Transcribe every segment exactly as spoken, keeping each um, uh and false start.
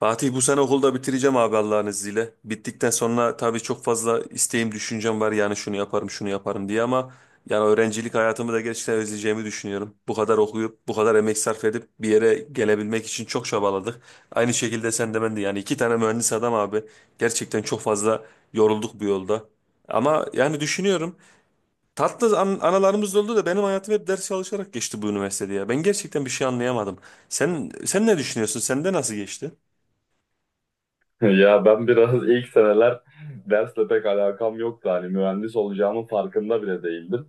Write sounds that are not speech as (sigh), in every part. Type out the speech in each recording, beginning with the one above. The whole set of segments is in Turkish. Fatih, bu sene okulda bitireceğim abi Allah'ın izniyle. Bittikten sonra tabii çok fazla isteğim, düşüncem var, yani şunu yaparım, şunu yaparım diye ama yani öğrencilik hayatımı da gerçekten özleyeceğimi düşünüyorum. Bu kadar okuyup, bu kadar emek sarf edip bir yere gelebilmek için çok çabaladık. Aynı şekilde sen de ben de, yani iki tane mühendis adam abi. Gerçekten çok fazla yorulduk bu yolda. Ama yani düşünüyorum, tatlı an anılarımız da oldu da benim hayatım hep ders çalışarak geçti bu üniversitede ya. Ben gerçekten bir şey anlayamadım. Sen sen ne düşünüyorsun? Sende nasıl geçti? (laughs) Ya ben biraz ilk seneler dersle pek alakam yoktu. Hani mühendis olacağımın farkında bile değildim.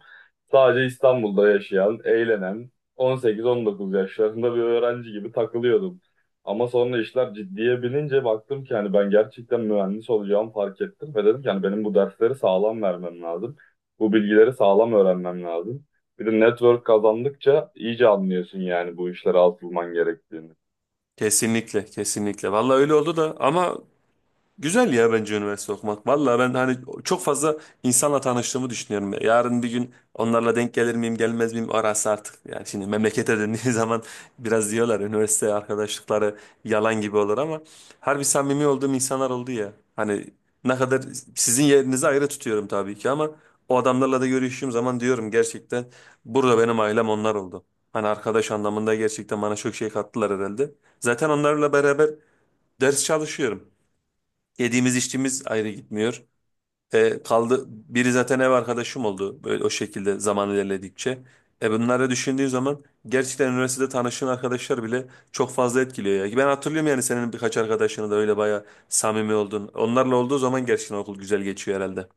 Sadece İstanbul'da yaşayan, eğlenen, on sekiz on dokuz yaşlarında bir öğrenci gibi takılıyordum. Ama sonra işler ciddiye binince baktım ki hani ben gerçekten mühendis olacağımı fark ettim ve dedim ki hani benim bu dersleri sağlam vermem lazım. Bu bilgileri sağlam öğrenmem lazım. Bir de network kazandıkça iyice anlıyorsun yani bu işlere atılman gerektiğini. Kesinlikle, kesinlikle. Vallahi öyle oldu da ama güzel ya, bence üniversite okumak. Valla ben hani çok fazla insanla tanıştığımı düşünüyorum. Yarın bir gün onlarla denk gelir miyim gelmez miyim arası artık. Yani şimdi memlekete döndüğü (laughs) zaman biraz diyorlar üniversite arkadaşlıkları yalan gibi olur ama harbi samimi olduğum insanlar oldu ya. Hani ne kadar sizin yerinizi ayrı tutuyorum tabii ki ama o adamlarla da görüştüğüm zaman diyorum, gerçekten burada benim ailem onlar oldu. Hani arkadaş anlamında gerçekten bana çok şey kattılar herhalde. Zaten onlarla beraber ders çalışıyorum. Yediğimiz içtiğimiz ayrı gitmiyor. E, kaldı biri zaten ev arkadaşım oldu, böyle o şekilde zaman ilerledikçe. E, bunları düşündüğün zaman gerçekten üniversitede tanıştığın arkadaşlar bile çok fazla etkiliyor ya. Ben hatırlıyorum, yani senin birkaç arkadaşını da öyle bayağı samimi oldun. Onlarla olduğu zaman gerçekten okul güzel geçiyor herhalde.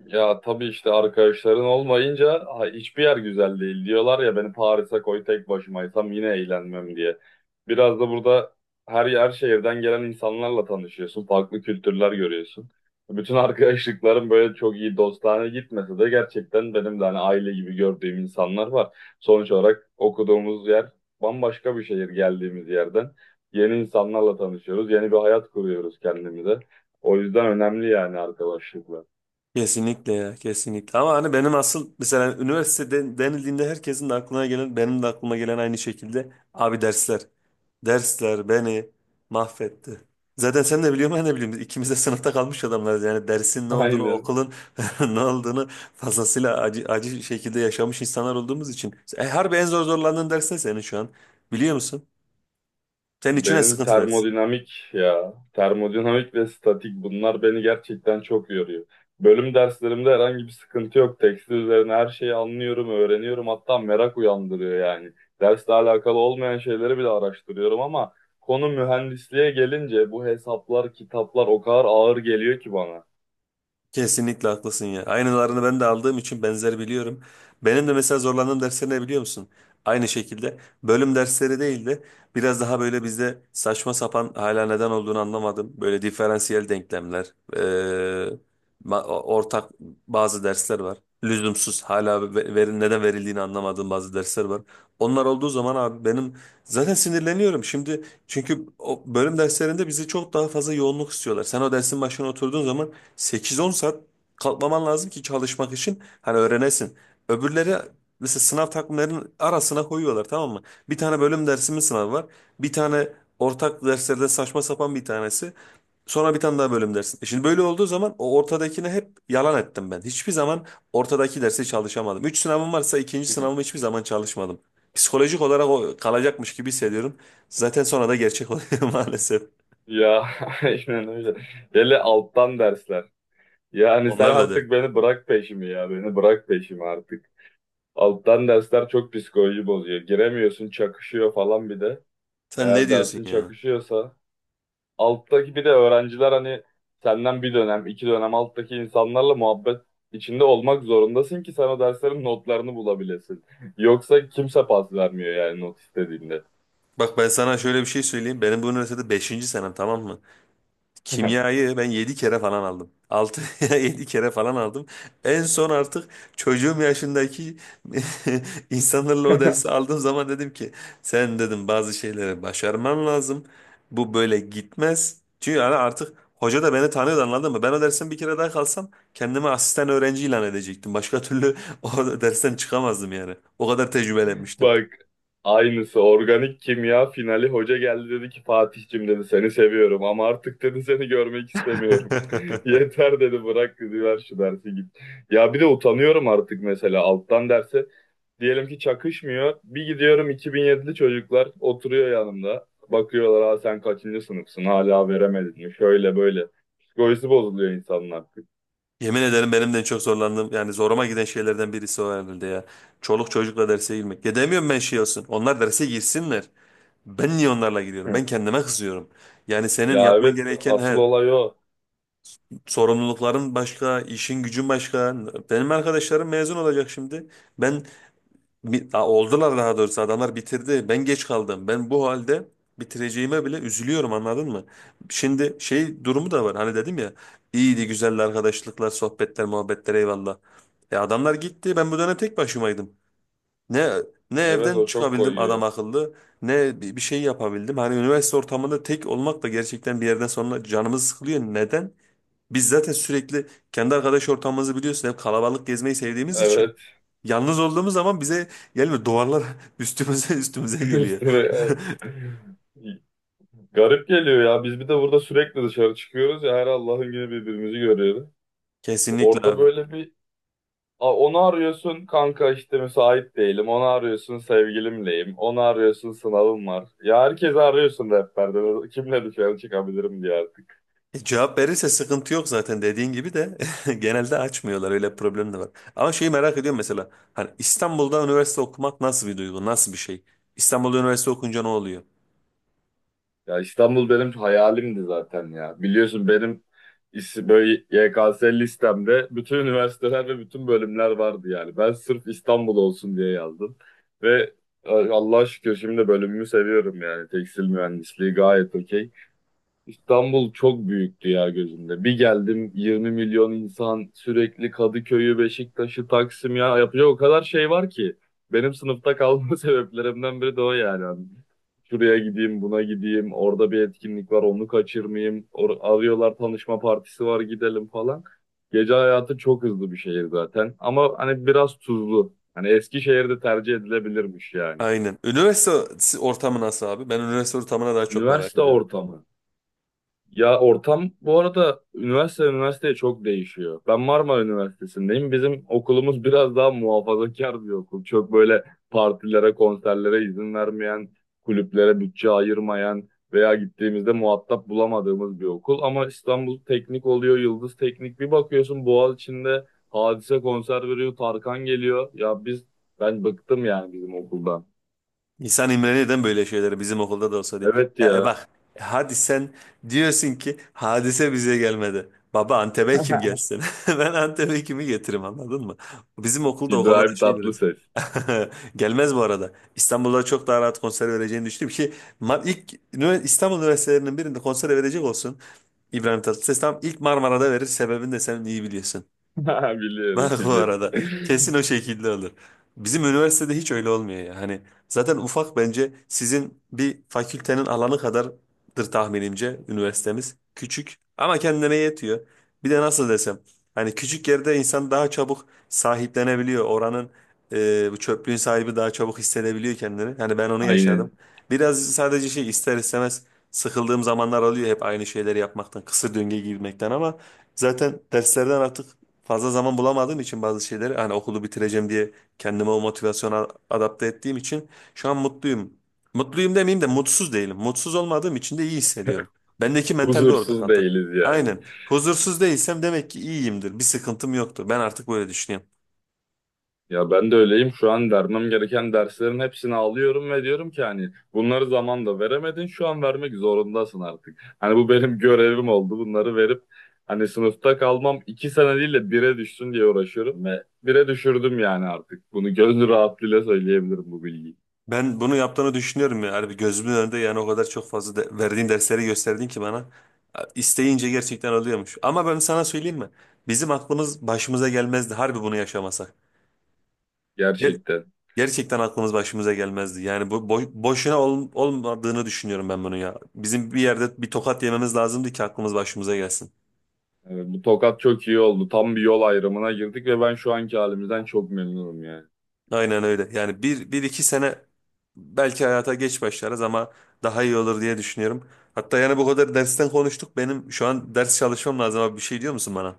Ya tabii işte arkadaşların olmayınca ha, hiçbir yer güzel değil diyorlar ya beni Paris'e koy tek başımaysam yine eğlenmem diye. Biraz da burada her yer şehirden gelen insanlarla tanışıyorsun, farklı kültürler görüyorsun. Bütün arkadaşlıklarım böyle çok iyi dostane gitmese de gerçekten benim de hani aile gibi gördüğüm insanlar var. Sonuç olarak okuduğumuz yer bambaşka bir şehir geldiğimiz yerden. Yeni insanlarla tanışıyoruz, yeni bir hayat kuruyoruz kendimize. O yüzden önemli yani arkadaşlıklar. Kesinlikle ya, kesinlikle, ama hani benim asıl mesela üniversite den- denildiğinde herkesin de aklına gelen benim de aklıma gelen aynı şekilde abi dersler. Dersler beni mahvetti. Zaten sen de biliyorsun ben de biliyorum, biz ikimiz de sınıfta kalmış adamlarız yani dersin (laughs) ne olduğunu, Aynen. okulun (laughs) ne olduğunu fazlasıyla acı, acı şekilde yaşamış insanlar olduğumuz için. E, harbi en zor zorlandığın ders ne senin şu an, biliyor musun? Senin için en Benim sıkıntı ders. termodinamik ya. Termodinamik ve statik bunlar beni gerçekten çok yoruyor. Bölüm derslerimde herhangi bir sıkıntı yok. Tekstil üzerine her şeyi anlıyorum, öğreniyorum. Hatta merak uyandırıyor yani. Dersle alakalı olmayan şeyleri bile araştırıyorum ama konu mühendisliğe gelince bu hesaplar, kitaplar o kadar ağır geliyor ki bana. Kesinlikle haklısın ya. Aynılarını ben de aldığım için benzer biliyorum. Benim de mesela zorlandığım dersler ne biliyor musun? Aynı şekilde bölüm dersleri değil de biraz daha böyle bizde saçma sapan, hala neden olduğunu anlamadım. Böyle diferansiyel denklemler, eee, ma- ortak bazı dersler var. Lüzumsuz hala ve- verin, neden verildiğini anlamadığım bazı dersler var. Onlar olduğu zaman abi benim zaten sinirleniyorum. Şimdi çünkü o bölüm derslerinde bizi çok daha fazla yoğunluk istiyorlar. Sen o dersin başına oturduğun zaman sekiz on saat kalkmaman lazım ki çalışmak için hani öğrenesin. Öbürleri mesela sınav takvimlerinin arasına koyuyorlar, tamam mı? Bir tane bölüm dersimin sınavı var. Bir tane ortak derslerden saçma sapan bir tanesi. Sonra bir tane daha bölüm dersi. E, şimdi böyle olduğu zaman o ortadakini hep yalan ettim ben. Hiçbir zaman ortadaki dersi çalışamadım. Üç sınavım varsa ikinci sınavımı (laughs) hiçbir zaman çalışmadım. Psikolojik olarak o kalacakmış gibi hissediyorum. Zaten sonra da gerçek oluyor (laughs) maalesef. Ya, (laughs) aynen öyle. Hele alttan dersler. Yani sen Onlar da der. artık beni bırak peşimi ya. Beni bırak peşimi artık. Alttan dersler çok psikoloji bozuyor. Giremiyorsun, çakışıyor falan bir de. Sen ne Eğer diyorsun dersin ya? çakışıyorsa. Alttaki bir de öğrenciler hani senden bir dönem, iki dönem alttaki insanlarla muhabbet içinde olmak zorundasın ki sen o derslerin notlarını bulabilesin. (laughs) Yoksa kimse pas vermiyor yani not istediğinde. Bak, ben sana şöyle bir şey söyleyeyim. Benim bu üniversitede beşinci senem, tamam mı? Kimyayı ben yedi kere falan aldım. Altı (laughs) ya yedi kere falan aldım. En son artık çocuğum yaşındaki (laughs) insanlarla o dersi (laughs) aldığım zaman dedim ki sen, dedim, bazı şeyleri başarman lazım. Bu böyle gitmez. Çünkü yani artık hoca da beni tanıyordu, anladın mı? Ben o dersten bir kere daha kalsam kendimi asistan öğrenci ilan edecektim. Başka türlü (laughs) o dersten çıkamazdım yani. O kadar tecrübelenmiştim. Bak, aynısı organik kimya finali hoca geldi dedi ki Fatih'cim dedi seni seviyorum ama artık dedi seni görmek istemiyorum. (laughs) (laughs) Yeter dedi bırak dedi ver şu dersi git. Ya bir de utanıyorum artık mesela alttan derse diyelim ki çakışmıyor bir gidiyorum iki bin yedili çocuklar oturuyor yanımda bakıyorlar ha sen kaçıncı sınıfsın hala veremedin mi şöyle böyle psikolojisi bozuluyor insanın artık. Yemin ederim benim de en çok zorlandığım, yani zoruma giden şeylerden birisi o herhalde ya. Çoluk çocukla derse girmek. Ya demiyorum ben şey olsun, onlar derse girsinler. Ben niye onlarla gidiyorum? Ben (laughs) kendime kızıyorum. Yani senin Ya yapman evet, gereken asıl he, olay o, sorumlulukların başka, işin gücün başka. Benim arkadaşlarım mezun olacak şimdi. Ben Bi- a- oldular daha doğrusu, adamlar bitirdi. Ben geç kaldım. Ben bu halde bitireceğime bile üzülüyorum, anladın mı? Şimdi şey durumu da var. Hani dedim ya, iyiydi güzeldi arkadaşlıklar, sohbetler, muhabbetler, eyvallah. E, adamlar gitti. Ben bu dönem tek başımaydım. Ne ne evet evden o çok çıkabildim adam koyuyor. akıllı ne bi- bir şey yapabildim. Hani üniversite ortamında tek olmak da gerçekten bir yerden sonra canımız sıkılıyor. Neden? Biz zaten sürekli kendi arkadaş ortamımızı biliyorsun, hep kalabalık gezmeyi sevdiğimiz için. Evet. Yalnız olduğumuz zaman bize gelmiyor. Duvarlar (laughs) üstümüze üstümüze geliyor. İşte böyle, e, garip geliyor ya. Biz bir de burada sürekli dışarı çıkıyoruz ya her Allah'ın günü birbirimizi görüyoruz. (laughs) Kesinlikle Orada abi. böyle bir a- onu arıyorsun kanka işte müsait değilim. Onu arıyorsun sevgilimleyim. Onu arıyorsun sınavım var. Ya herkesi arıyorsun rehberde. Kimle dışarı çıkabilirim diye. E, cevap verirse sıkıntı yok zaten, dediğin gibi de (laughs) genelde açmıyorlar, öyle bir problem de var. Ama şeyi merak ediyorum mesela, hani İstanbul'da üniversite okumak nasıl bir duygu, nasıl bir şey? İstanbul'da üniversite okunca ne oluyor? Ya İstanbul benim hayalimdi zaten ya. Biliyorsun benim is- böyle Y K S listemde bütün üniversiteler ve bütün bölümler vardı yani. Ben sırf İstanbul olsun diye yazdım. Ve e, Allah'a şükür şimdi bölümümü seviyorum yani. Tekstil mühendisliği gayet okey. İstanbul çok büyüktü ya gözümde. Bir geldim yirmi milyon insan sürekli Kadıköy'ü, Beşiktaş'ı, Taksim ya yapacak o kadar şey var ki. Benim sınıfta kalma (laughs) sebeplerimden biri de o yani. Hani şuraya gideyim, buna gideyim, orada bir etkinlik var onu kaçırmayayım. Or arıyorlar tanışma partisi var gidelim falan. Gece hayatı çok hızlı bir şehir zaten ama hani biraz tuzlu. Hani Eskişehir'de tercih edilebilirmiş yani. Aynen. Üniversite ortamı nasıl abi? Ben üniversite ortamına daha çok merak Üniversite ediyorum. ortamı. Ya ortam bu arada üniversite üniversiteye çok değişiyor. Ben Marmara Üniversitesi'ndeyim. Bizim okulumuz biraz daha muhafazakar bir okul. Çok böyle partilere, konserlere izin vermeyen, kulüplere bütçe ayırmayan veya gittiğimizde muhatap bulamadığımız bir okul. Ama İstanbul Teknik oluyor, Yıldız Teknik. Bir bakıyorsun Boğaziçi'nde Hadise konser veriyor, Tarkan geliyor. Ya biz, ben bıktım yani bizim okuldan. İnsan imrenir, neden böyle şeyleri bizim okulda da olsa diye. Evet E, e, ya. bak, hadi sen diyorsun ki Hadise bize gelmedi. Baba, Antep'e kim (laughs) gelsin? (laughs) Ben Antep'e kimi getiririm, anladın mı? Bizim okulda o konuda İbrahim şey biraz. Tatlıses. (laughs) Gelmez bu arada. İstanbul'da çok daha rahat konser vereceğini düşündüm ki ma- ilk ünivers- İstanbul üniversitelerinin birinde konser verecek olsun. İbrahim Tatlıses tam ilk Marmara'da verir, sebebini de sen iyi biliyorsun. (laughs) Biliyorum, Bak bu biliyorum. arada, kesin (laughs) o şekilde olur. Bizim üniversitede hiç öyle olmuyor ya. Hani zaten ufak, bence sizin bir fakültenin alanı kadardır tahminimce üniversitemiz. Küçük ama kendine yetiyor. Bir de nasıl desem, hani küçük yerde insan daha çabuk sahiplenebiliyor. Oranın, e, bu çöplüğün sahibi daha çabuk hissedebiliyor kendini. Hani ben onu yaşadım. Aynen. Biraz sadece şey, ister istemez sıkıldığım zamanlar oluyor, hep aynı şeyleri yapmaktan, kısır döngüye girmekten, ama zaten derslerden artık fazla zaman bulamadığım için bazı şeyleri, hani okulu bitireceğim diye kendime o motivasyona adapte ettiğim için şu an mutluyum. Mutluyum demeyeyim de mutsuz değilim. Mutsuz olmadığım için de iyi hissediyorum. Bendeki mental bir orada Huzursuz kaldı. değiliz yani. Aynen. Huzursuz değilsem demek ki iyiyimdir. Bir sıkıntım yoktur. Ben artık böyle düşünüyorum. Ya ben de öyleyim. Şu an vermem gereken derslerin hepsini alıyorum ve diyorum ki hani bunları zamanla veremedin. Şu an vermek zorundasın artık. Hani bu benim görevim oldu. Bunları verip hani sınıfta kalmam iki sene değil de bire düşsün diye uğraşıyorum ve bire düşürdüm yani artık. Bunu gönül rahatlığıyla söyleyebilirim bu bilgiyi. Ben bunu yaptığını düşünüyorum ya. Harbi gözümün önünde, yani o kadar çok fazla de- verdiğin dersleri gösterdin ki bana. İsteyince gerçekten oluyormuş. Ama ben sana söyleyeyim mi? Bizim aklımız başımıza gelmezdi harbi bunu yaşamasak. Gerçekten. Gerçekten aklımız başımıza gelmezdi. Yani bu boy- boşuna ol- olmadığını düşünüyorum ben bunu ya. Bizim bir yerde bir tokat yememiz lazımdı ki aklımız başımıza gelsin. Evet, bu tokat çok iyi oldu. Tam bir yol ayrımına girdik ve ben şu anki halimizden çok memnunum yani. Aynen öyle. Yani bir, bir iki sene belki hayata geç başlarız ama daha iyi olur diye düşünüyorum. Hatta yani bu kadar dersten konuştuk. Benim şu an ders çalışmam lazım abi. Bir şey diyor musun bana?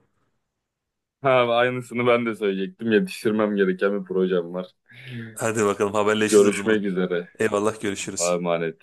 Ha, aynısını ben de söyleyecektim. Yetiştirmem gereken bir projem var. Hadi bakalım, haberleşiriz o zaman. Görüşmek üzere. Eyvallah, görüşürüz. Allah'a emanet.